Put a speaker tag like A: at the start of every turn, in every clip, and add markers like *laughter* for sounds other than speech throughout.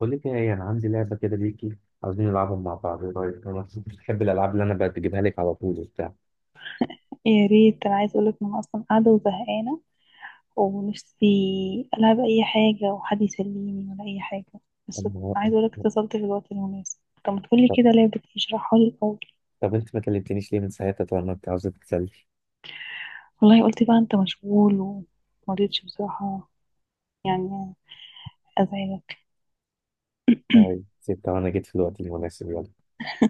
A: بقول لك ايه، انا عندي لعبه كده ليكي. عاوزين نلعبها مع بعض. إيه رايك؟ انا بحب الالعاب اللي انا بجيبها لك على طول وبتاع.
B: يا ريت، انا عايز اقولك ان انا اصلا قاعده وزهقانه، ونفسي العب اي حاجه وحد يسليني ولا اي حاجه
A: *laughs*
B: بس.
A: أما-
B: عايز اقولك اتصلت في الوقت المناسب. طب ما تقولي
A: طب
B: كده لعبه إيه؟ اشرحها لي الاول.
A: طب انت ما كلمتنيش ليه من ساعتها؟ طبعا ما انت عاوزه تتسلي.
B: والله قلت بقى انت مشغول، ومرضتش بصراحه، يعني ازعلك. *clears throat*
A: طيب سبتها وانا جيت في الوقت المناسب، يلا.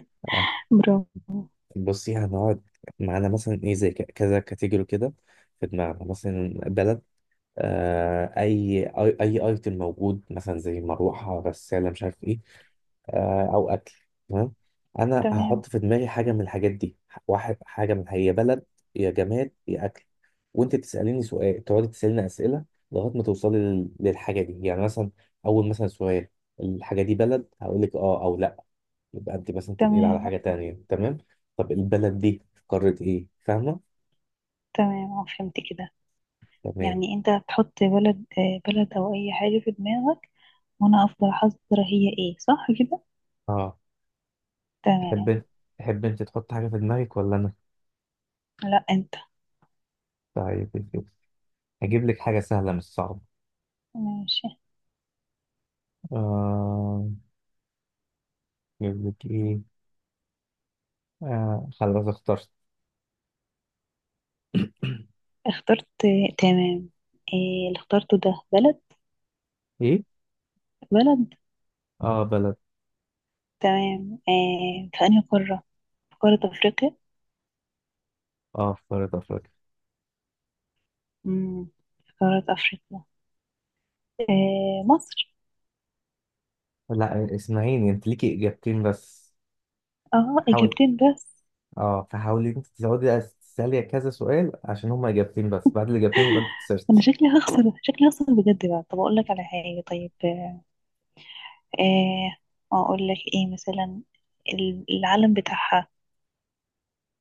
A: *laughs* آه.
B: برافو.
A: بصي، هنقعد معانا مثلا ايه، زي كذا كاتيجوري كده في دماغنا، مثلا بلد، آه اي اي اي ايتم موجود، مثلا زي مروحه، غساله، مش عارف إيه. آه، او اكل. تمام؟ انا
B: تمام،
A: هحط في دماغي حاجه من الحاجات دي، واحد حاجه من، هي بلد، يا جماد، يا اكل، وانت تساليني سؤال، تقعدي تساليني اسئله لغايه ما توصلي للحاجه دي. يعني مثلا اول مثلا سؤال، الحاجه دي بلد، هقول لك اه او لا. يبقى انت مثلا تنقلي على
B: تمام،
A: حاجه تانية، تمام؟ طب البلد دي في قاره ايه، فاهمه؟
B: تمام، آه، فهمت كده.
A: تمام.
B: يعني انت هتحط بلد او اي حاجه في دماغك، وانا افضل احذر. هي ايه صح كده؟
A: اه.
B: تمام،
A: تحب تحب انت تحط حاجه في دماغك ولا انا؟
B: لا انت.
A: طيب، هجيب لك حاجه سهله مش صعبه.
B: ماشي.
A: آه... نجيب لك ايه. آه خلاص، اخترت.
B: اخترت، تمام. إيه اللي اخترته ده؟ بلد؟
A: ايه؟
B: بلد.
A: اه، بلد.
B: تمام، إيه في أنهي قارة؟ في قارة أفريقيا.
A: اه، في قارة افريقيا.
B: مم. في قارة أفريقيا. إيه، مصر؟
A: لا، اسمعيني، انت ليكي اجابتين بس.
B: اه،
A: حاول.
B: إجابتين بس.
A: اه، فحاولي انت تزودي تسألي كذا سؤال، عشان هما اجابتين بس، بعد الاجابتين يبقى انت
B: *laughs* أنا
A: خسرتي.
B: شكلي هخسر، شكلي هخسر بجد بقى. طب أقول لك على حاجة؟ طيب إيه أقول لك، إيه مثلا؟ العلم بتاعها،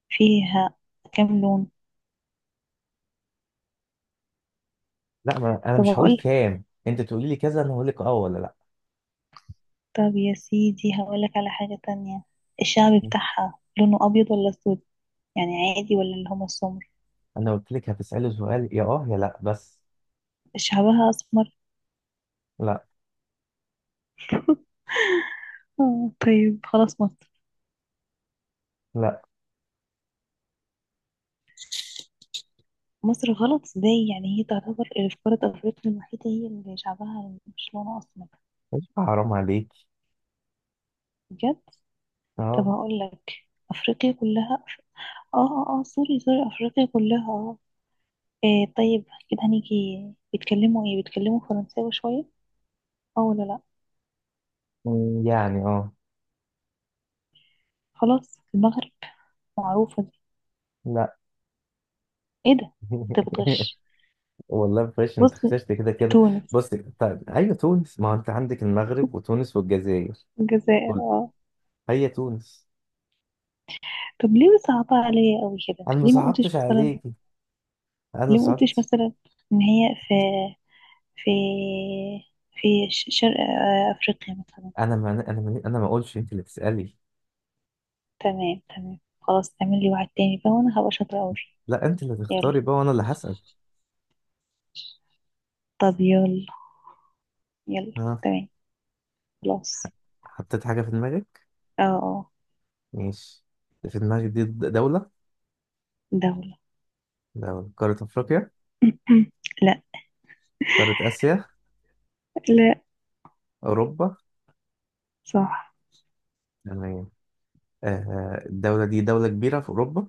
B: فيها كام لون؟
A: لا، ما انا
B: طب
A: مش هقول
B: أقول لك.
A: كام، انت تقولي لي كذا، انا هقول لك اه ولا لا.
B: طب يا سيدي هقول لك على حاجة تانية. الشعب بتاعها لونه أبيض ولا أسود، يعني عادي ولا اللي هم السمر؟
A: انا قلت لك هتسألي سؤال، يا اه يا لا بس.
B: شعبها اسمر؟
A: لا.
B: *laughs* آه، طيب خلاص، مصر.
A: لا.
B: مصر غلط؟ ازاي؟ يعني هي تعتبر اللي في قارة افريقيا الوحيدة هي اللي شعبها مش لونه اسمر؟
A: مش حرام عليك؟
B: بجد. طب
A: اه.
B: هقول لك. افريقيا كلها اه، اه، اه، سوري، سوري، افريقيا كلها اه. إيه طيب، كده هنيجي. بيتكلموا ايه؟ بيتكلموا فرنساوي شوية، اه ولا لا؟
A: مم، يعني اه.
B: خلاص، المغرب. معروفة دي.
A: لا.
B: ايه ده؟ انت
A: *laughs*
B: بتغش.
A: والله فريش، انت
B: بص،
A: خسرت كده كده.
B: تونس.
A: بص. طيب هي تونس، ما هو انت عندك المغرب وتونس والجزائر.
B: الجزائر،
A: قول.
B: اه.
A: هي تونس.
B: طب ليه صعبة عليا قوي كده؟
A: انا ما
B: ليه ما قلتش
A: صعبتش
B: مثلا،
A: عليكي. انا ما
B: ليه ما قلتش
A: صعبتش.
B: مثلا ان هي في في شرق افريقيا مثلا.
A: انا ما اقولش، انت اللي تسالي.
B: تمام، تمام، خلاص تعمل لي واحد تاني بقى، وانا هبقى شاطرة قوي فيه.
A: لا، انت اللي
B: يلا.
A: تختاري بقى وانا اللي هسال.
B: طب يلا. يلا،
A: ها.
B: تمام. خلاص.
A: حطيت حاجه في دماغك؟
B: اه، اه.
A: ماشي. في دماغك دي دوله؟
B: دولة.
A: دوله قاره افريقيا؟
B: *clears throat* لا.
A: قاره اسيا؟
B: لا.
A: اوروبا؟
B: صح.
A: تمام. الدوله دي دوله كبيره في اوروبا؟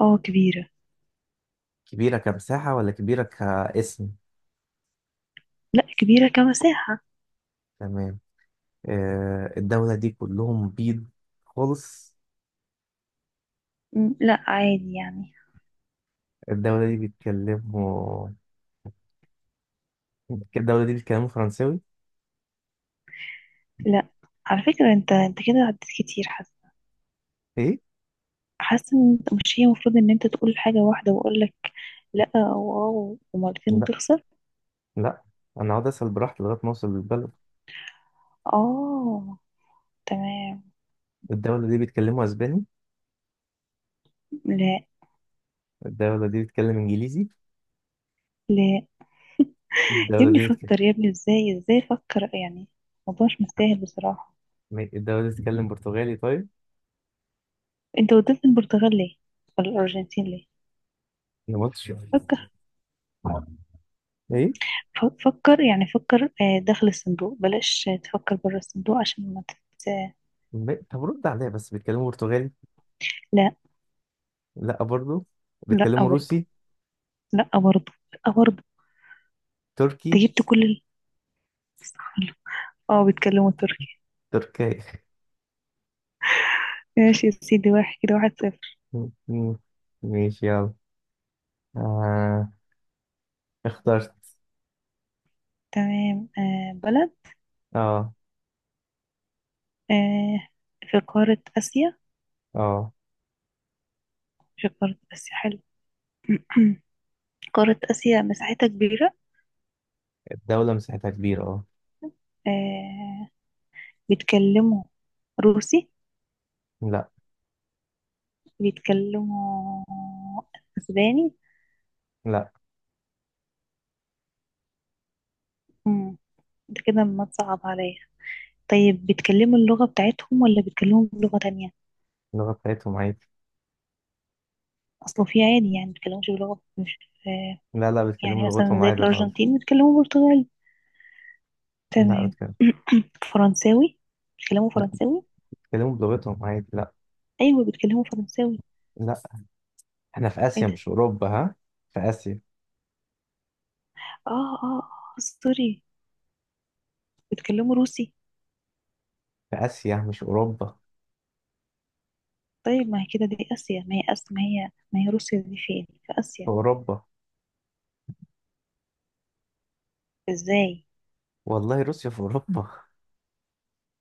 B: اه، كبيرة.
A: كبيره كمساحه ولا كبيره كاسم؟
B: لا كبيرة كمساحة.
A: تمام. الدولة دي كلهم بيض خالص؟
B: م، لا عادي يعني.
A: الدولة دي بيتكلموا، *laughs* الدولة دي بيتكلموا فرنساوي؟
B: لا. على فكرة انت كده عديت كتير.
A: ايه؟
B: حاسه ان مش هي المفروض ان انت تقول حاجه واحده واقول لك لا، او ومرتين
A: لا،
B: وتخسر.
A: لا، انا اقعد اسأل براحتي لغاية ما اوصل للبلد.
B: اه، تمام.
A: الدولة دي بيتكلموا اسباني؟
B: لا.
A: الدولة دي بيتكلم انجليزي؟
B: لا. يا
A: الدولة
B: ابني
A: دي بتك...
B: فكر، يا ابني ازاي، ازاي فكر يعني. الموضوع مش مستاهل بصراحه.
A: الدولة دي بتتكلم برتغالي؟ طيب،
B: انت وديت البرتغال ليه؟ ولا الارجنتين ليه؟
A: أنا ما قلتش.
B: فكر.
A: ايه؟
B: فكر يعني، فكر داخل الصندوق، بلاش تفكر بره الصندوق، عشان ما تت... آه،
A: طب رد عليا بس، بيتكلموا برتغالي؟
B: لا.
A: لا برضو.
B: لا
A: بيتكلموا
B: برضه.
A: روسي؟
B: لا برضه. لا برضه.
A: تركي؟
B: انت جبت كل صح، اه بيتكلموا تركي.
A: تركي.
B: ماشي يا سيدي، واحد كده، 1-0.
A: *laughs* ماشي، يلا. آه. اخترت.
B: تمام، آه، بلد.
A: اه.
B: آه. في قارة آسيا.
A: اه.
B: في قارة آسيا، حلو. *clears throat* قارة آسيا مساحتها كبيرة.
A: الدولة مساحتها كبيرة، اه.
B: آه. بيتكلموا روسي؟
A: لا.
B: بيتكلموا أسباني؟
A: لا.
B: مم، ده كده ما تصعب عليا. طيب بيتكلموا اللغة بتاعتهم ولا بيتكلموا بلغة تانية؟
A: اللغة بتاعتهم عادي.
B: أصله في عادي يعني بيتكلموش بلغة مش آه
A: لا، لا،
B: يعني
A: بيتكلموا
B: مثلا
A: لغتهم
B: زي
A: عادي خالص.
B: الأرجنتين بيتكلموا برتغالي.
A: لا،
B: تمام،
A: بيتكلموا.
B: *clears throat* فرنساوي. بيتكلموا
A: لا،
B: فرنساوي.
A: بيتكلموا بلغتهم عادي، لا.
B: أيوة بيتكلموا فرنساوي.
A: لا. احنا في
B: ايه
A: آسيا
B: ده؟
A: مش أوروبا، ها. في آسيا.
B: اه، اه، اه، سوري. بيتكلموا روسي.
A: في آسيا مش أوروبا.
B: طيب، ما هي كده دي آسيا، ما هي آسيا، ما هي روسيا دي فين في
A: في
B: آسيا؟
A: أوروبا.
B: ازاي؟
A: والله روسيا في أوروبا. *laughs*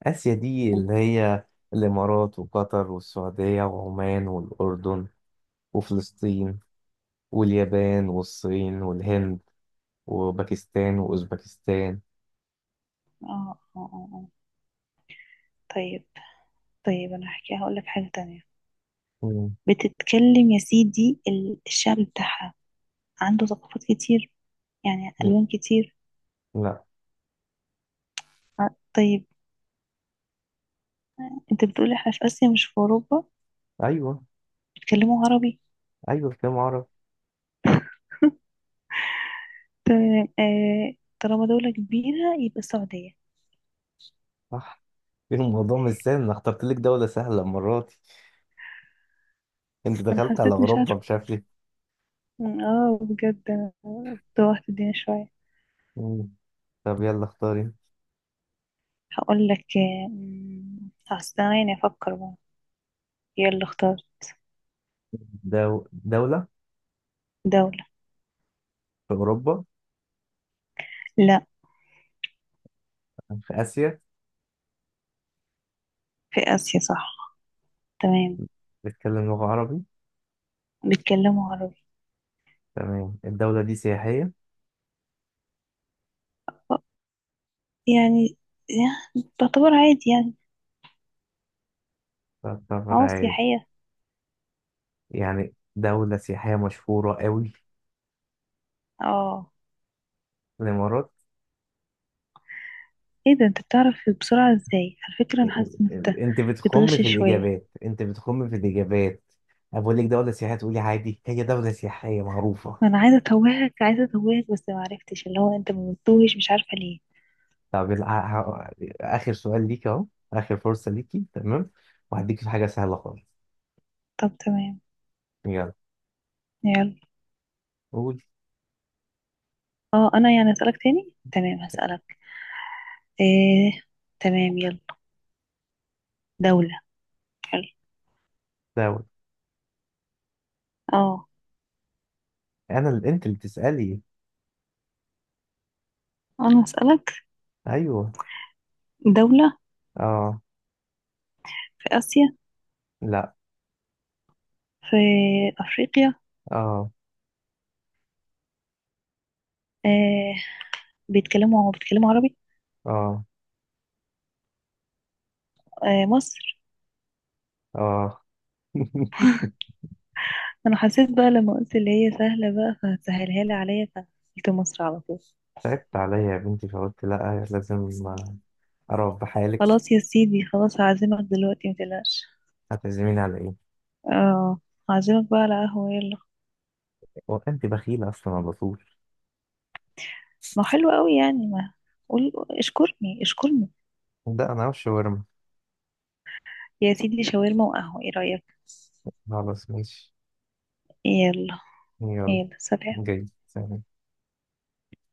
A: آسيا دي
B: اه،
A: اللي هي الإمارات وقطر والسعودية وعمان والأردن وفلسطين واليابان والصين والهند وباكستان وأوزبكستان.
B: اه، اه، آه. طيب. طيب انا هقول لك حاجة تانية.
A: مم.
B: بتتكلم يا سيدي الشعب بتاعها عنده ثقافات كتير، يعني ألوان كتير.
A: لا.
B: ع- طيب، انت بتقول احنا في آسيا مش في أوروبا.
A: أيوه.
B: بيتكلموا عربي؟
A: أيوه، كلام عربي.
B: طيب طالما دولة كبيرة يبقى السعودية.
A: صح. الموضوع مش سهل، انا اخترت لك دولة سهلة المرة دي. انت
B: انا
A: دخلت على
B: حسيت، مش
A: اوروبا
B: عارفة.
A: مش عارف ليه.
B: اه بجد، أنا توهت الدنيا شوية.
A: مم. طب يلا اختاري.
B: هقول لك أصل ثواني افكر بقى. يلا اختار.
A: دولة؟
B: دولة.
A: في اوروبا؟
B: لا.
A: في اسيا؟
B: في آسيا، صح. تمام.
A: بتتكلم لغة عربي؟
B: بيتكلموا عربي.
A: تمام. الدولة دي سياحية؟
B: طب، يعني يعني تعتبر عادي يعني.
A: تعتبر
B: اه
A: عادي
B: سياحية.
A: يعني؟ دولة سياحية مشهورة قوي؟
B: اه.
A: الامارات.
B: ايه ده، انت بتعرف بسرعة ازاي؟ على فكرة انا حاسة ان انت
A: انت بتخم
B: بتغش
A: في
B: شوية.
A: الاجابات، انت بتخم في الاجابات. أنا بقول لك دولة سياحية تقولي عادي، هي دولة سياحية معروفة.
B: ما انا عايزة اتوهك، عايزة اتوهك، بس ما عرفتش، اللي هو انت ما بتتوهش مش عارفة ليه.
A: طب آخر سؤال ليك أهو. آخر فرصة ليكي، تمام؟ وهديك في حاجة سهلة خالص.
B: طب تمام.
A: يلا.
B: يلا.
A: قول.
B: اه، انا يعني اسألك تاني، تمام، هسألك. ايه، تمام يلا. دولة. حلو.
A: داود.
B: اه.
A: أنا اللي أنت اللي تسألي.
B: أنا هسألك.
A: أيوه.
B: دولة.
A: أه.
B: في آسيا؟
A: لا.
B: في أفريقيا.
A: أه.
B: آه، بيتكلموا عربي.
A: أه.
B: آه، مصر.
A: أه. *laughs*
B: أنا حسيت بقى لما قلت اللي هي سهلة بقى فهتسهلها لي عليا، فقلت مصر على طول.
A: تعبت عليا يا بنتي، فقلت لا، لازم أعرف بحالك.
B: خلاص يا سيدي، خلاص هعزمك دلوقتي، متقلقش.
A: هتعزميني على إيه؟
B: اه، هعزمك بقى على قهوة، يلا.
A: هو أنت بخيلة أصلا على طول.
B: ما حلو قوي يعني، ما قول، اشكرني اشكرني.
A: ده أنا وش ورم.
B: يا سيدي شاورما وقهوة، ايه رأيك؟
A: خلاص ماشي.
B: يلا.
A: يلا.
B: يلا، سلام.
A: جاي، سلام.